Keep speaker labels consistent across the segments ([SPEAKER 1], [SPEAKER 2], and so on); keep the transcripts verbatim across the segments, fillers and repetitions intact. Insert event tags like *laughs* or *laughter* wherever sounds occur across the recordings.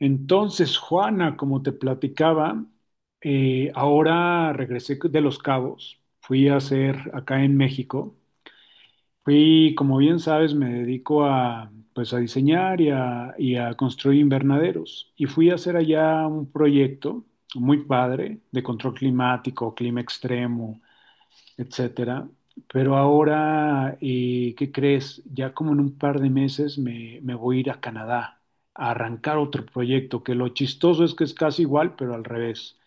[SPEAKER 1] Entonces, Juana, como te platicaba, eh, ahora regresé de Los Cabos, fui a hacer acá en México, fui, como bien sabes, me dedico a, pues, a diseñar y a, y a construir invernaderos, y fui a hacer allá un proyecto muy padre de control climático, clima extremo, etcétera. Pero ahora, eh, ¿qué crees? Ya como en un par de meses me, me voy a ir a Canadá a arrancar otro proyecto, que lo chistoso es que es casi igual, pero al revés.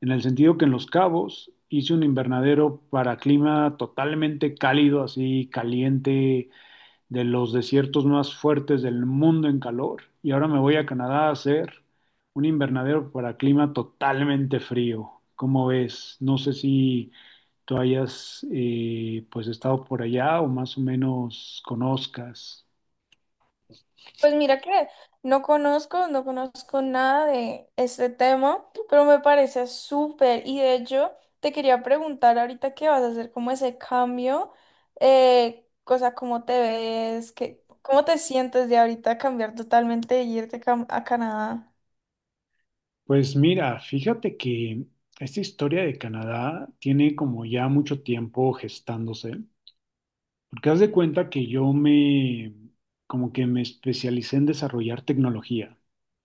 [SPEAKER 1] En el sentido que en Los Cabos hice un invernadero para clima totalmente cálido, así caliente, de los desiertos más fuertes del mundo en calor. Y ahora me voy a Canadá a hacer un invernadero para clima totalmente frío. ¿Cómo ves? No sé si tú hayas eh, pues estado por allá o más o menos conozcas.
[SPEAKER 2] Pues mira que no conozco, no conozco nada de este tema, pero me parece súper. Y de hecho, te quería preguntar ahorita qué vas a hacer, como ese cambio, eh, o sea, cómo te ves, qué, cómo te sientes de ahorita cambiar totalmente y irte cam- a Canadá.
[SPEAKER 1] Pues mira, fíjate que esta historia de Canadá tiene como ya mucho tiempo gestándose, porque haz de cuenta que yo me como que me especialicé en desarrollar tecnología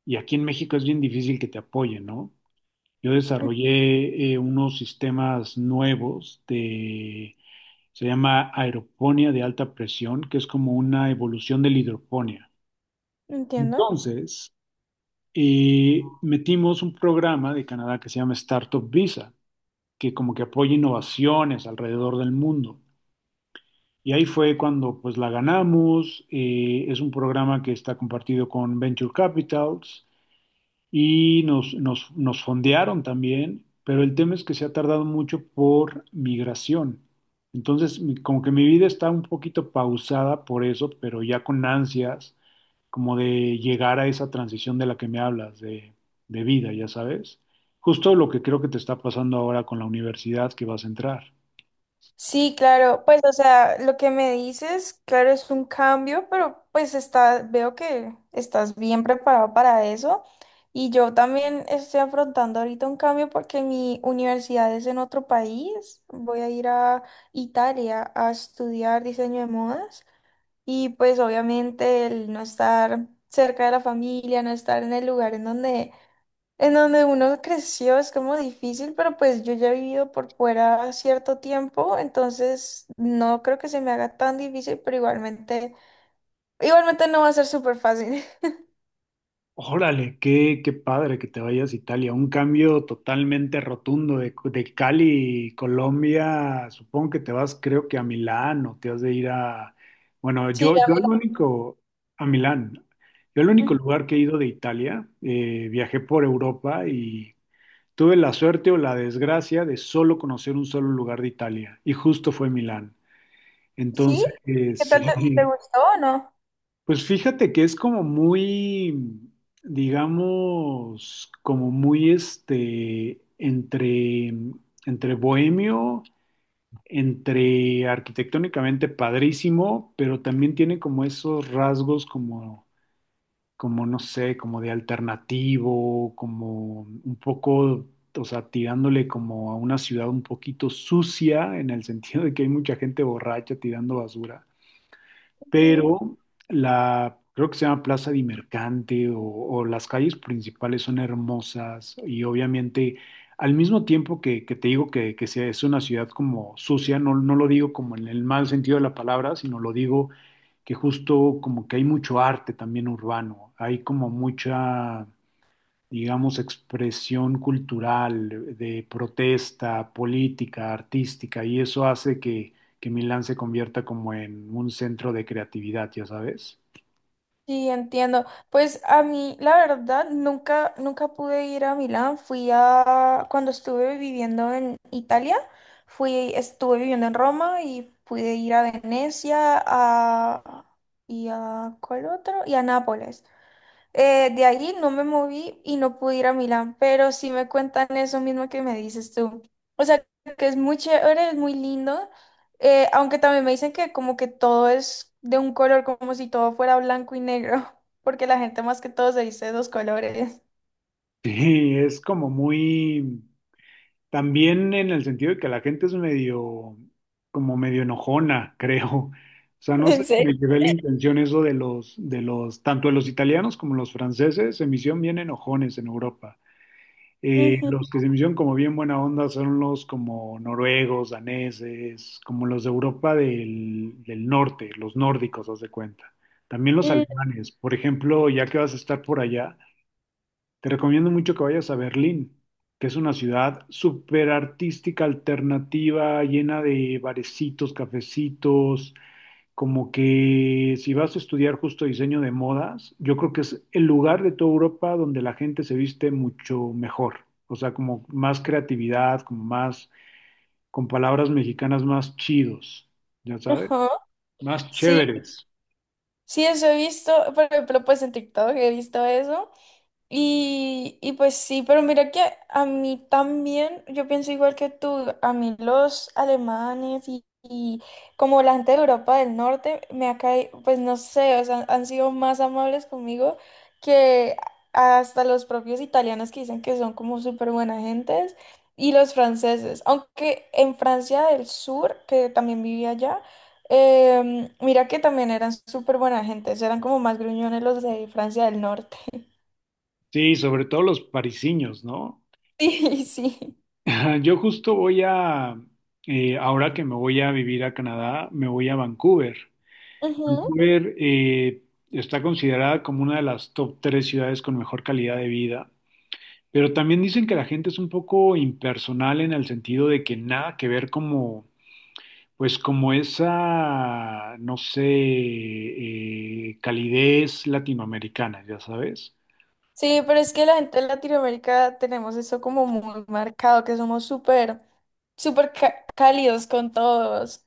[SPEAKER 1] y aquí en México es bien difícil que te apoyen, ¿no? Yo
[SPEAKER 2] Mm.
[SPEAKER 1] desarrollé eh, unos sistemas nuevos de, se llama aeroponía de alta presión, que es como una evolución de la hidroponía.
[SPEAKER 2] Entiendo.
[SPEAKER 1] Entonces, eh, metimos un programa de Canadá que se llama Startup Visa, que como que apoya innovaciones alrededor del mundo. Y ahí fue cuando pues la ganamos. Eh, es un programa que está compartido con Venture Capitals y nos, nos, nos fondearon también, pero el tema es que se ha tardado mucho por migración. Entonces, mi- como que mi vida está un poquito pausada por eso, pero ya con ansias, como de llegar a esa transición de la que me hablas, de, de vida, ya sabes. Justo lo que creo que te está pasando ahora con la universidad que vas a entrar.
[SPEAKER 2] Sí, claro, pues o sea, lo que me dices, claro, es un cambio, pero pues está, veo que estás bien preparado para eso. Y yo también estoy afrontando ahorita un cambio porque mi universidad es en otro país. Voy a ir a Italia a estudiar diseño de modas. Y pues obviamente el no estar cerca de la familia, no estar en el lugar en donde en donde uno creció es como difícil, pero pues yo ya he vivido por fuera cierto tiempo, entonces no creo que se me haga tan difícil, pero igualmente, igualmente no va a ser súper fácil. *laughs*
[SPEAKER 1] Órale, qué, qué padre que te vayas a Italia. Un cambio totalmente rotundo de, de Cali, Colombia. Supongo que te vas, creo que a Milán o te has de ir a... Bueno,
[SPEAKER 2] Sí,
[SPEAKER 1] yo,
[SPEAKER 2] a
[SPEAKER 1] yo
[SPEAKER 2] mí
[SPEAKER 1] el único, a Milán. Yo el único
[SPEAKER 2] no.
[SPEAKER 1] lugar que he ido de Italia, eh, viajé por Europa y tuve la suerte o la desgracia de solo conocer un solo lugar de Italia y justo fue Milán.
[SPEAKER 2] ¿Sí?
[SPEAKER 1] Entonces, *laughs* eh,
[SPEAKER 2] ¿Qué tal te, te
[SPEAKER 1] sí,
[SPEAKER 2] gustó o no?
[SPEAKER 1] pues fíjate que es como muy, digamos, como muy este, entre, entre bohemio, entre arquitectónicamente padrísimo, pero también tiene como esos rasgos como, como, no sé, como de alternativo, como un poco, o sea, tirándole como a una ciudad un poquito sucia, en el sentido de que hay mucha gente borracha tirando basura,
[SPEAKER 2] Ujú.
[SPEAKER 1] pero la, creo que se llama Plaza de Mercante o, o las calles principales son hermosas, y obviamente al mismo tiempo que, que te digo que, que sea- es una ciudad como sucia, no, no lo digo como en el mal sentido de la palabra, sino lo digo que justo como que hay mucho arte también urbano, hay como mucha, digamos, expresión cultural, de protesta, política, artística, y eso hace que, que Milán se convierta como en un centro de creatividad, ya sabes. *laughs*
[SPEAKER 2] Sí, entiendo. Pues a mí, la verdad, nunca, nunca pude ir a Milán. Fui a, cuando estuve viviendo en Italia, fui, estuve viviendo en Roma y pude ir a Venecia, a, y a, ¿cuál otro? Y a Nápoles. Eh, de ahí no me moví y no pude ir a Milán, pero sí me cuentan eso mismo que me dices tú. O sea, que es muy chévere, es muy lindo, eh, aunque también me dicen que como que todo es de un color, como si todo fuera blanco y negro, *laughs* porque la gente más que todo se dice dos colores.
[SPEAKER 1] Sí, es como muy, también en el sentido de que la gente es medio, como medio enojona, *laughs* creo. O
[SPEAKER 2] *laughs*
[SPEAKER 1] sea, no sé
[SPEAKER 2] ¿En
[SPEAKER 1] si
[SPEAKER 2] serio?
[SPEAKER 1] me llevé la intención eso de los, de los, tanto de los italianos como los franceses, se me hicieron bien enojones en Europa. Eh,
[SPEAKER 2] Ujú.
[SPEAKER 1] los que se me hicieron como bien buena onda son los como noruegos, daneses, como los de Europa del, del norte, los nórdicos, haz de cuenta. También los
[SPEAKER 2] Mm.
[SPEAKER 1] alemanes. Por ejemplo, ya que vas a estar por allá, te recomiendo mucho que vayas a Berlín, que es una ciudad súper artística, alternativa, llena de barecitos, cafecitos, como que si vas a estudiar justo diseño de modas, yo creo que es el lugar de toda Europa donde la gente se viste mucho mejor, o sea, como más creatividad, como más, con palabras mexicanas más chidos, ya sabes,
[SPEAKER 2] Ajá.
[SPEAKER 1] más
[SPEAKER 2] Sí,
[SPEAKER 1] chéveres.
[SPEAKER 2] sí, eso he visto, por ejemplo, pues en TikTok he visto eso. Y, y pues sí, pero mira que a mí también, yo pienso igual que tú, a mí los alemanes y, y como la gente de Europa del Norte me ha caído, pues no sé, o sea, han sido más amables conmigo que hasta los propios italianos que dicen que son como súper buena gentes y los franceses, aunque en Francia del Sur, que también vivía allá, em, mira que también eran súper buena gentes, eran como más gruñones los de Francia del Norte.
[SPEAKER 1] Sí, sobre todo los parisiños, ¿no?
[SPEAKER 2] Sí, *laughs* sí.
[SPEAKER 1] *laughs* Yo justo voy a, eh, ahora que me voy a vivir a Canadá, me voy a Vancouver.
[SPEAKER 2] Ujú.
[SPEAKER 1] Vancouver eh, está considerada como una de las top tres ciudades con mejor calidad de vida. Pero también dicen que la gente es un poco impersonal en el sentido de que nada que ver como, pues como esa, no sé, eh, calidez latinoamericana, ya sabes.
[SPEAKER 2] Sí, pero es que la gente de Latinoamérica tenemos eso como muy marcado, que somos súper, súper ca- cálidos con todos.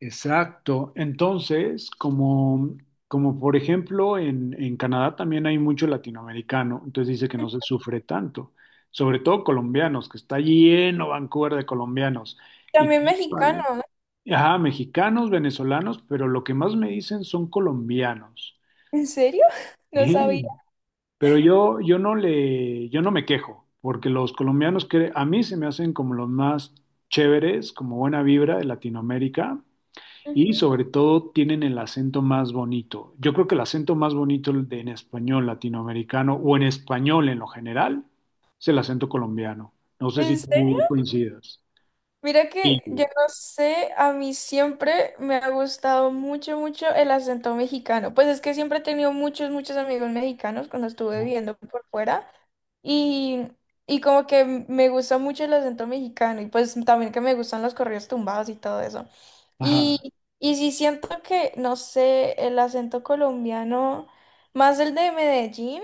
[SPEAKER 1] Exacto. Entonces, como, como por ejemplo en, en Canadá también hay mucho latinoamericano, entonces dice que no se sufre tanto, sobre todo colombianos, que está lleno Vancouver de colombianos. Y
[SPEAKER 2] También mexicanos.
[SPEAKER 1] Ajá, mexicanos, venezolanos, pero lo que más me dicen son colombianos.
[SPEAKER 2] ¿En serio? *laughs* No sabía.
[SPEAKER 1] Sí, *laughs* pero yo, yo no le, yo no me quejo, porque los colombianos que a mí se me hacen como los más chéveres, como buena vibra de Latinoamérica, y
[SPEAKER 2] Ujú.
[SPEAKER 1] sobre todo tienen el acento más bonito. Yo creo que el acento más bonito de- en español latinoamericano o en español en lo general es el acento colombiano. No sé si
[SPEAKER 2] ¿En serio?
[SPEAKER 1] tú coincidas.
[SPEAKER 2] Mira
[SPEAKER 1] Sí.
[SPEAKER 2] que yo no sé, a mí siempre me ha gustado mucho, mucho el acento mexicano. Pues es que siempre he tenido muchos, muchos amigos mexicanos cuando estuve viviendo por fuera. Y, y como que me gusta mucho el acento mexicano y pues también que me gustan los corridos tumbados y todo eso.
[SPEAKER 1] Ajá.
[SPEAKER 2] Y, y sí siento que, no sé, el acento colombiano, más el de Medellín,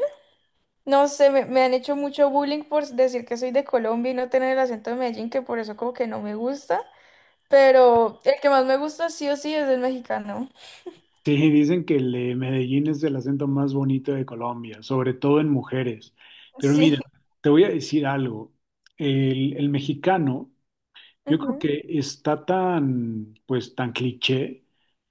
[SPEAKER 2] no sé, me, me han hecho mucho bullying por decir que soy de Colombia y no tener el acento de Medellín, que por eso como que no me gusta. Pero el que más me gusta sí o sí es el mexicano.
[SPEAKER 1] Sí, dicen que el de Medellín es el acento más bonito de Colombia, sobre todo en mujeres. Pero mira,
[SPEAKER 2] Sí.
[SPEAKER 1] te voy a decir algo. El, el mexicano, yo creo
[SPEAKER 2] Ujú,
[SPEAKER 1] que está tan, pues, tan cliché,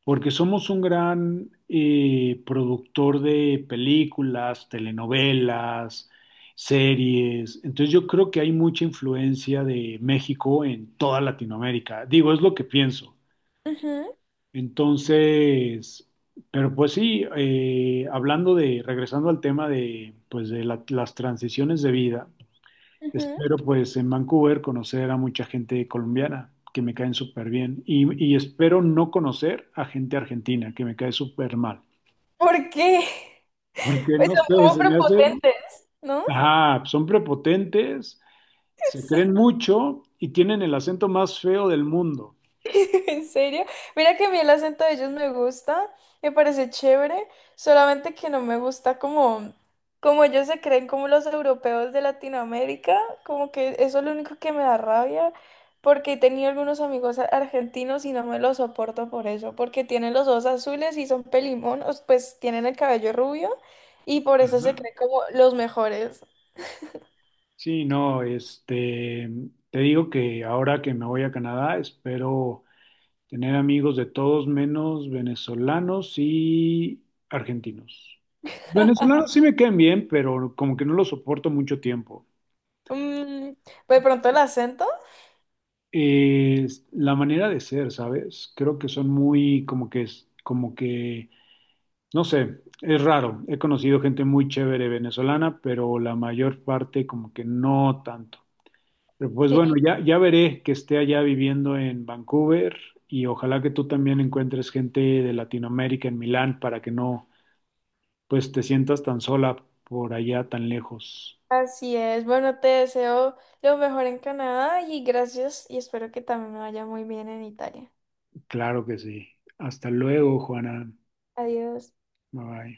[SPEAKER 1] porque somos un gran eh, productor de películas, telenovelas, series. Entonces yo creo que hay mucha influencia de México en toda Latinoamérica. Digo, es lo que pienso.
[SPEAKER 2] ujú,
[SPEAKER 1] Entonces, pero pues sí, eh, hablando de, regresando al tema de, pues de la- las transiciones de vida,
[SPEAKER 2] ujú.
[SPEAKER 1] espero pues en Vancouver conocer a mucha gente colombiana que me caen súper bien y, y espero no conocer a gente argentina que me cae súper mal,
[SPEAKER 2] ¿Por qué? *laughs*
[SPEAKER 1] porque
[SPEAKER 2] Pues
[SPEAKER 1] no
[SPEAKER 2] son
[SPEAKER 1] sé,
[SPEAKER 2] como
[SPEAKER 1] se me hace,
[SPEAKER 2] prepotentes, ¿no?
[SPEAKER 1] ajá, son prepotentes, se
[SPEAKER 2] *laughs*
[SPEAKER 1] creen
[SPEAKER 2] Sí.
[SPEAKER 1] mucho y tienen el acento más feo del mundo.
[SPEAKER 2] *laughs* ¿En serio? Mira que a mí el acento de ellos me gusta, me parece chévere, solamente que no me gusta como, como ellos se creen como los europeos de Latinoamérica, como que eso es lo único que me da rabia, porque he tenido algunos amigos a- argentinos y no me los soporto por eso, porque tienen los ojos azules y son pelimonos, pues tienen el cabello rubio y por eso se
[SPEAKER 1] Ajá.
[SPEAKER 2] creen como los mejores.
[SPEAKER 1] Sí, no, este, te digo que ahora que me voy a Canadá, espero tener amigos de todos menos venezolanos y argentinos. Venezolanos sí me quedan bien, pero como que no los soporto mucho tiempo.
[SPEAKER 2] Mm, pues de pronto el acento.
[SPEAKER 1] Eh, es la manera de ser, ¿sabes? Creo que son muy, como que es, como que, no sé, es raro. He conocido gente muy chévere venezolana, pero la mayor parte como que no tanto. Pero, Pues
[SPEAKER 2] Sí.
[SPEAKER 1] bueno, ya, ya veré que esté allá viviendo en Vancouver y ojalá que tú también encuentres gente de Latinoamérica en Milán para que no, pues te sientas tan sola por allá tan lejos.
[SPEAKER 2] Así es. Bueno, te deseo lo mejor en Canadá y gracias y espero que también me vaya muy bien en Italia.
[SPEAKER 1] Claro que sí. Hasta luego, Juana.
[SPEAKER 2] Adiós.
[SPEAKER 1] Bye bye.